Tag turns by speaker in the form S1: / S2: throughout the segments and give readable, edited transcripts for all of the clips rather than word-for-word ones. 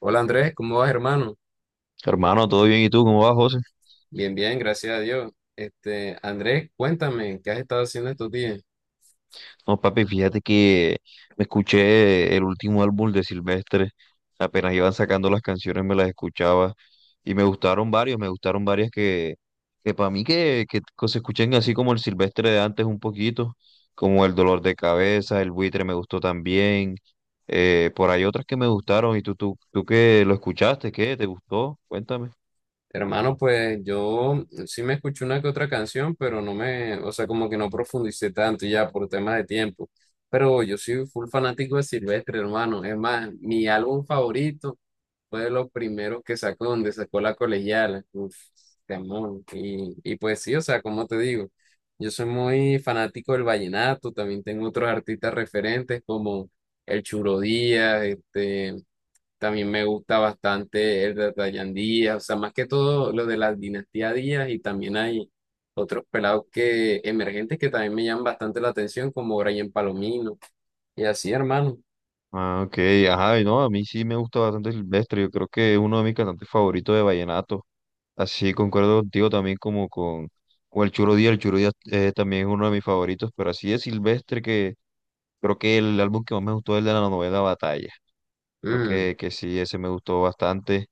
S1: Hola Andrés, ¿cómo vas, hermano?
S2: Hermano, ¿todo bien? ¿Y tú cómo vas, José?
S1: Bien, gracias a Dios. Andrés, cuéntame, ¿qué has estado haciendo estos días?
S2: No, papi, fíjate que me escuché el último álbum de Silvestre. Apenas iban sacando las canciones, me las escuchaba y me gustaron varios, me gustaron varias que para mí que se escuchen así como el Silvestre de antes un poquito, como El Dolor de Cabeza, El Buitre me gustó también. Por ahí otras que me gustaron. ¿Y tú qué lo escuchaste? ¿Qué? ¿Te gustó? Cuéntame.
S1: Hermano, pues yo sí me escuché una que otra canción, pero no me, o sea, como que no profundicé tanto ya por temas de tiempo. Pero yo soy full fanático de Silvestre, hermano. Es más, mi álbum favorito fue de los primeros que sacó, donde sacó La Colegiala. Uf, temón. Y pues sí, o sea, como te digo, yo soy muy fanático del vallenato. También tengo otros artistas referentes como El Churo Díaz, este. También me gusta bastante el de Dayan Díaz, o sea, más que todo lo de la dinastía Díaz y también hay otros pelados que emergentes que también me llaman bastante la atención, como Brian Palomino y así, hermano.
S2: Ah, ok, ajá, y no, a mí sí me gusta bastante Silvestre, yo creo que es uno de mis cantantes favoritos de vallenato. Así concuerdo contigo también con el Churo Díaz también es uno de mis favoritos, pero así de Silvestre que creo que el álbum que más me gustó es el de la novela Batalla. Creo
S1: Mm,
S2: que sí, ese me gustó bastante.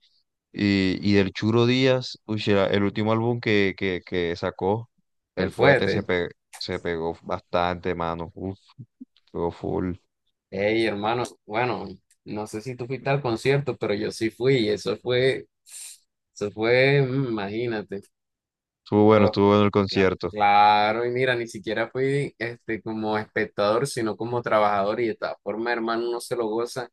S2: Y del Churo Díaz, uy, sí, era el último álbum que sacó, El
S1: el
S2: Fuete,
S1: fuete.
S2: se pegó bastante, mano. Uf, pegó full.
S1: Hey, hermano, bueno, no sé si tú fuiste al concierto, pero yo sí fui y imagínate. Fue-
S2: Estuvo bueno el concierto.
S1: Claro, y mira, ni siquiera fui este como espectador, sino como trabajador y de esta forma, hermano, uno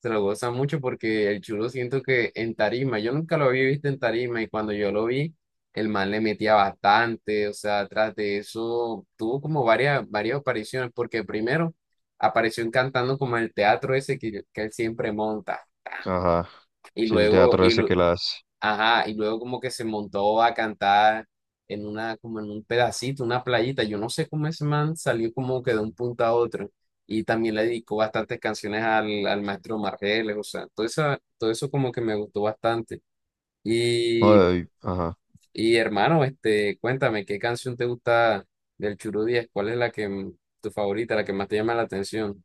S1: se lo goza mucho porque el chulo siento que en tarima, yo nunca lo había visto en tarima y cuando yo lo vi, el man le metía bastante, o sea, tras de eso tuvo como varias apariciones, porque primero apareció en cantando como en el teatro ese que él siempre monta
S2: Ajá.
S1: y
S2: Sí, el
S1: luego,
S2: teatro
S1: y,
S2: ese
S1: lu-
S2: que la hace.
S1: ajá, y luego como que se montó a cantar en una, como en un pedacito, una playita. Yo no sé cómo ese man salió como que de un punto a otro. Y también le dedicó bastantes canciones al maestro Margeles, o sea, todo eso como que me gustó bastante. Y,
S2: No, y- ajá.
S1: y hermano, este, cuéntame, ¿qué canción te gusta del Churu Díaz? ¿Cuál es tu favorita, la que más te llama la atención?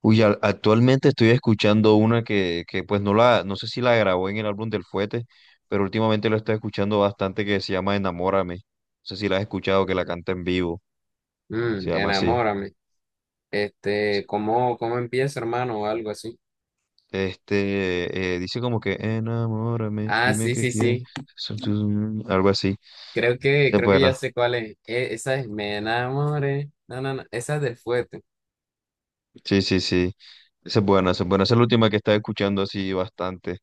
S2: Uy, actualmente estoy escuchando una que pues no la, no sé si la grabó en el álbum del Fuete, pero últimamente lo estoy escuchando bastante que se llama Enamórame. No sé si la has escuchado, que la canta en vivo.
S1: Mm,
S2: Se llama así.
S1: enamórame. Este, ¿cómo empieza, hermano? O algo así.
S2: Dice como que enamórame,
S1: Ah,
S2: dime
S1: sí,
S2: qué
S1: sí,
S2: quieres.
S1: sí.
S2: Mm, algo así. Está
S1: Creo que ya
S2: bueno.
S1: sé cuál es. Esa es Me enamoré. No. Esa es del fuerte.
S2: Sí, sí, sí. Esa es buena, esa es buena. Esa es la última que estaba escuchando así bastante.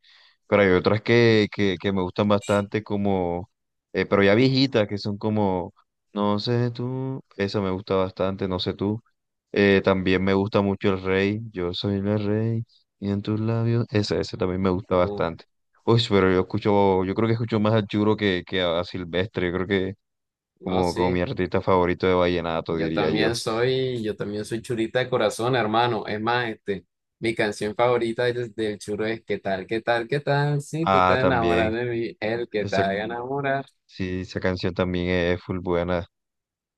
S2: Pero hay otras que me gustan bastante pero ya viejitas, que son como, no sé tú, esa me gusta bastante, no sé tú. También me gusta mucho el rey, yo soy el rey, y en tus labios, esa también me gusta
S1: Uf,
S2: bastante. Uy, pero yo escucho, yo creo que escucho más a Churo que a Silvestre, yo creo que
S1: no,
S2: como, como
S1: sí.
S2: mi artista favorito de vallenato, diría yo.
S1: Yo también soy churita de corazón, hermano. Es más, este, mi canción favorita es del churo es qué tal? Si tú
S2: Ah,
S1: te enamoras
S2: también.
S1: de mí, el que te
S2: Exacto.
S1: haga enamorar.
S2: Sí, esa canción también es full buena.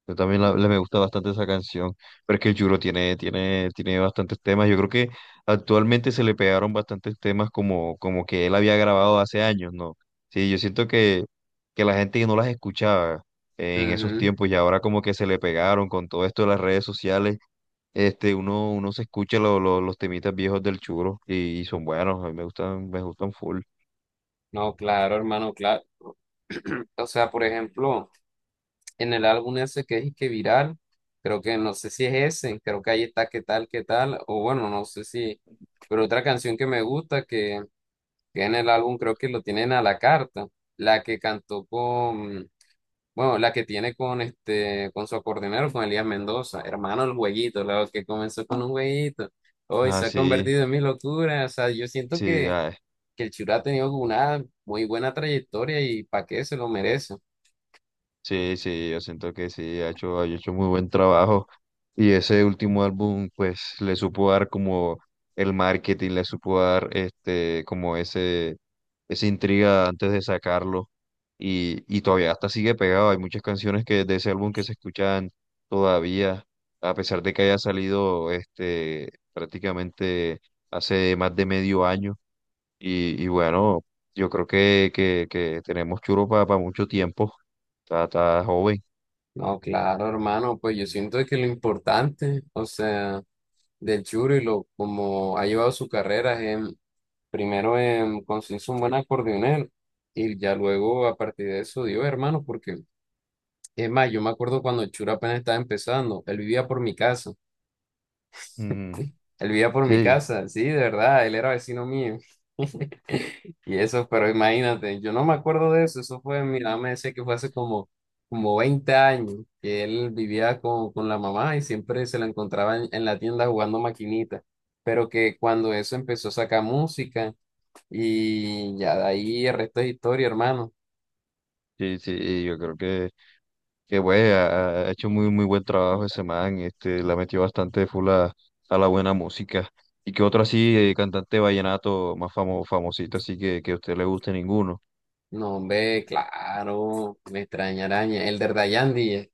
S2: Yo también me gusta bastante esa canción. Pero es que el Juro tiene bastantes temas. Yo creo que actualmente se le pegaron bastantes temas como, como que él había grabado hace años, ¿no? Sí, yo siento que la gente no las escuchaba en esos
S1: Ujú.
S2: tiempos y ahora como que se le pegaron con todo esto de las redes sociales. Uno se escucha los temitas viejos del Churo y son buenos, a mí me gustan full.
S1: No, claro, hermano, claro. O sea, por ejemplo, en el álbum ese que es y que viral, creo que no sé si es ese, creo que ahí está o bueno, no sé si, pero otra canción que me gusta que en el álbum creo que lo tienen a la carta, la que cantó con, bueno, la que tiene con este, con su acordeonero, con Elías Mendoza, hermano el jueguito, la que comenzó con un jueguito, hoy
S2: Ah,
S1: se ha
S2: sí,
S1: convertido en mi locura, o sea, yo siento
S2: sí, ah,
S1: que el Chura ha tenido una muy buena trayectoria y para qué se lo merece.
S2: sí, sí, yo siento que sí, ha hecho muy buen trabajo. Y ese último álbum, pues, le supo dar como el marketing, le supo dar como ese, esa intriga antes de sacarlo. Y todavía hasta sigue pegado. Hay muchas canciones que de ese álbum que se escuchan todavía, a pesar de que haya salido prácticamente hace más de medio año. Y bueno, yo creo que tenemos churro para mucho tiempo. Está, está joven.
S1: No, claro, hermano, pues yo siento que lo importante, o sea, del Churi, lo como ha llevado su carrera, primero en conseguirse un buen acordeonero y ya luego a partir de eso dio, hermano, porque es más, yo me acuerdo cuando el Churi apenas estaba empezando,
S2: Mm,
S1: él vivía por mi
S2: sí,
S1: casa, sí, de verdad, él era vecino mío. Y eso, pero imagínate, yo no me acuerdo de eso, mi mamá me decía que fue como 20 años, que él vivía con la mamá y siempre se la encontraba en la tienda jugando maquinita, pero que cuando eso empezó a sacar música y ya de ahí el resto es historia, hermano.
S2: sí, sí. Y yo creo que, ha, ha hecho muy, muy buen trabajo ese man. La metió bastante full a la buena música. ¿Y qué otro así, cantante vallenato más famosito, así que a usted le guste ninguno?
S1: No, hombre, claro, me extraña araña. El de Dayandi, eh.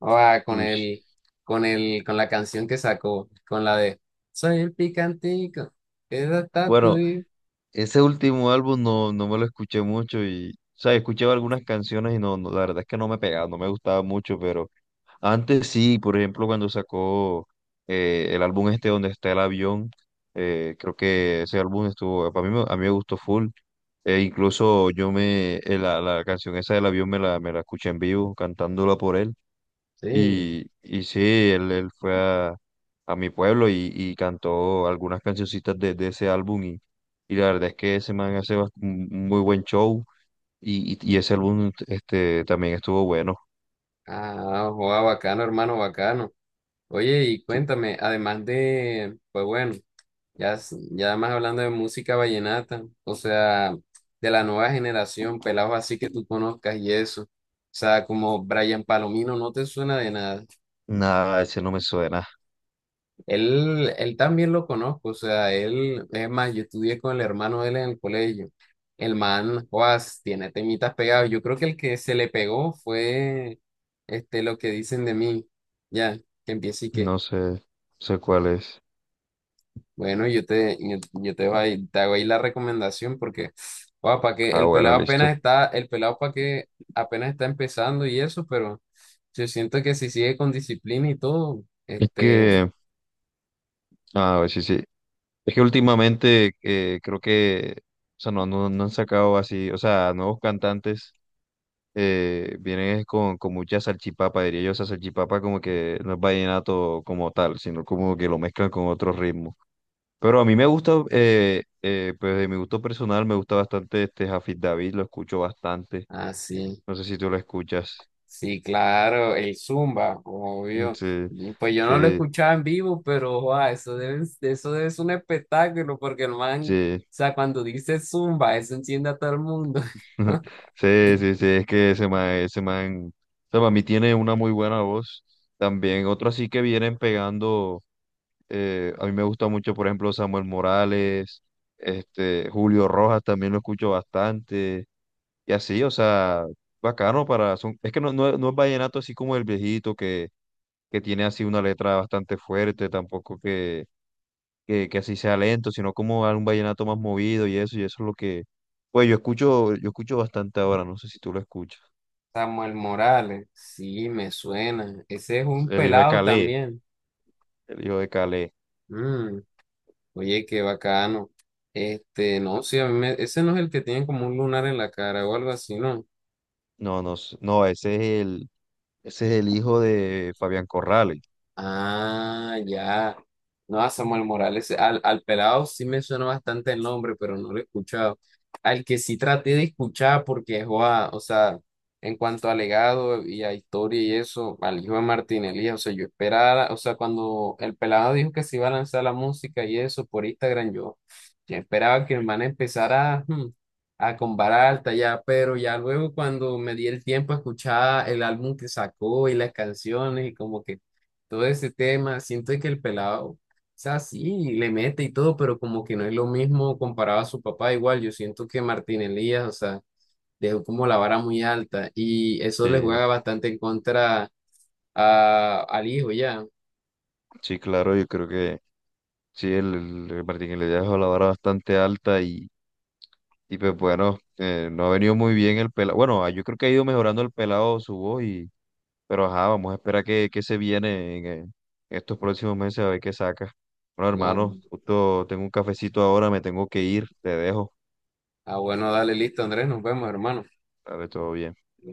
S1: Ah, con
S2: Uy.
S1: el, con la canción que sacó, con la de Soy el picantico, es hasta
S2: Bueno,
S1: tuyo.
S2: ese último álbum no, no me lo escuché mucho y, o sea, escuché algunas canciones y no, no, la verdad es que no me pegaba, no me gustaba mucho, pero antes sí, por ejemplo, cuando sacó el álbum este donde está el avión, creo que ese álbum estuvo, para mí, a mí me gustó full. E incluso yo me, la, la canción esa del avión me la escuché en vivo, cantándola por él.
S1: Sí.
S2: Y sí, él fue a mi pueblo y cantó algunas cancioncitas de ese álbum y la verdad es que ese man hace un muy buen show y ese álbum este, también estuvo bueno.
S1: Ah, joa, bacano, hermano, bacano. Oye, y
S2: Sí.
S1: cuéntame, además de, pues bueno, ya, ya más hablando de música vallenata, o sea, de la nueva generación, pelados así que tú conozcas y eso. O sea, como Brian Palomino, ¿no te suena de nada?
S2: Nada, ese no me suena,
S1: Él también lo conozco, o sea, él, es más, yo estudié con el hermano de él en el colegio. El man, Juas, tiene temitas pegados. Yo creo que el que se le pegó fue este, lo que dicen de mí. Ya, que empiece y que,
S2: no sé, no sé cuál es.
S1: bueno, yo te, yo te, voy- te hago ahí la recomendación porque, para que
S2: Ah,
S1: el
S2: bueno,
S1: pelado
S2: listo.
S1: apenas está, el pelado para que apenas está empezando y eso, pero yo siento que si sigue con disciplina y todo,
S2: Es
S1: este,
S2: que, ah, sí, sí. Es que últimamente creo que, o sea, no, no, no han sacado así, o sea, nuevos cantantes vienen es con mucha salchipapa, diría yo, esa salchipapa como que no es vallenato como tal, sino como que lo mezclan con otro ritmo. Pero a mí me gusta, pues de mi gusto personal, me gusta bastante este Jafid David, lo escucho bastante.
S1: así.
S2: No sé si tú lo escuchas.
S1: Sí, claro, el Zumba, obvio.
S2: Sí,
S1: Y pues yo no lo
S2: sí,
S1: escuchaba en vivo, pero joa, eso es un espectáculo, porque el man, o
S2: sí.
S1: sea, cuando dice Zumba, eso enciende a todo el mundo.
S2: Sí, sí, sí, es que ese man a mí tiene una muy buena voz. También otro así que vienen pegando. A mí me gusta mucho, por ejemplo, Samuel Morales, Julio Rojas también lo escucho bastante, y así, o sea, bacano para, son, es que no es vallenato así como el viejito que tiene así una letra bastante fuerte, tampoco que así sea lento, sino como un vallenato más movido y eso es lo que, pues yo escucho bastante ahora, no sé si tú lo escuchas,
S1: Samuel Morales, sí, me suena. Ese es un
S2: el hijo de
S1: pelado también.
S2: El hijo de Calé,
S1: Mm, oye, qué bacano. Este, no, sí, ese no es el que tiene como un lunar en la cara o algo así, ¿no?
S2: no, no, no, ese es ese es el hijo de Fabián Corrales.
S1: Ah, ya. No, a Samuel Morales, al pelado sí me suena bastante el nombre, pero no lo he escuchado. Al que sí traté de escuchar porque, joa, o sea, en cuanto a legado y a historia y eso, al hijo de Martín Elías, o sea, yo esperaba, o sea, cuando el pelado dijo que se iba a lanzar la música y eso por Instagram, yo esperaba que el man empezara a con vara alta ya, pero ya luego cuando me di el tiempo a escuchar el álbum que sacó y las canciones y como que todo ese tema. Siento que el pelado, o sea, sí, le mete y todo, pero como que no es lo mismo comparado a su papá. Igual, yo siento que Martín Elías, o sea, dejó como la vara muy alta y eso le
S2: Sí.
S1: juega bastante en contra a, al hijo ya.
S2: Sí, claro, yo creo que sí, el, el Martín Iglesias dejó la vara bastante alta y pues bueno, no ha venido muy bien el pelado. Bueno, ah, yo creo que ha ido mejorando el pelado su voz y, pero ajá, vamos a esperar que se viene en, estos próximos meses a ver qué saca. Bueno, hermano,
S1: No,
S2: justo tengo un cafecito ahora, me tengo que ir, te dejo.
S1: ah, bueno, dale, listo, Andrés, nos vemos, hermano.
S2: Dale, todo bien.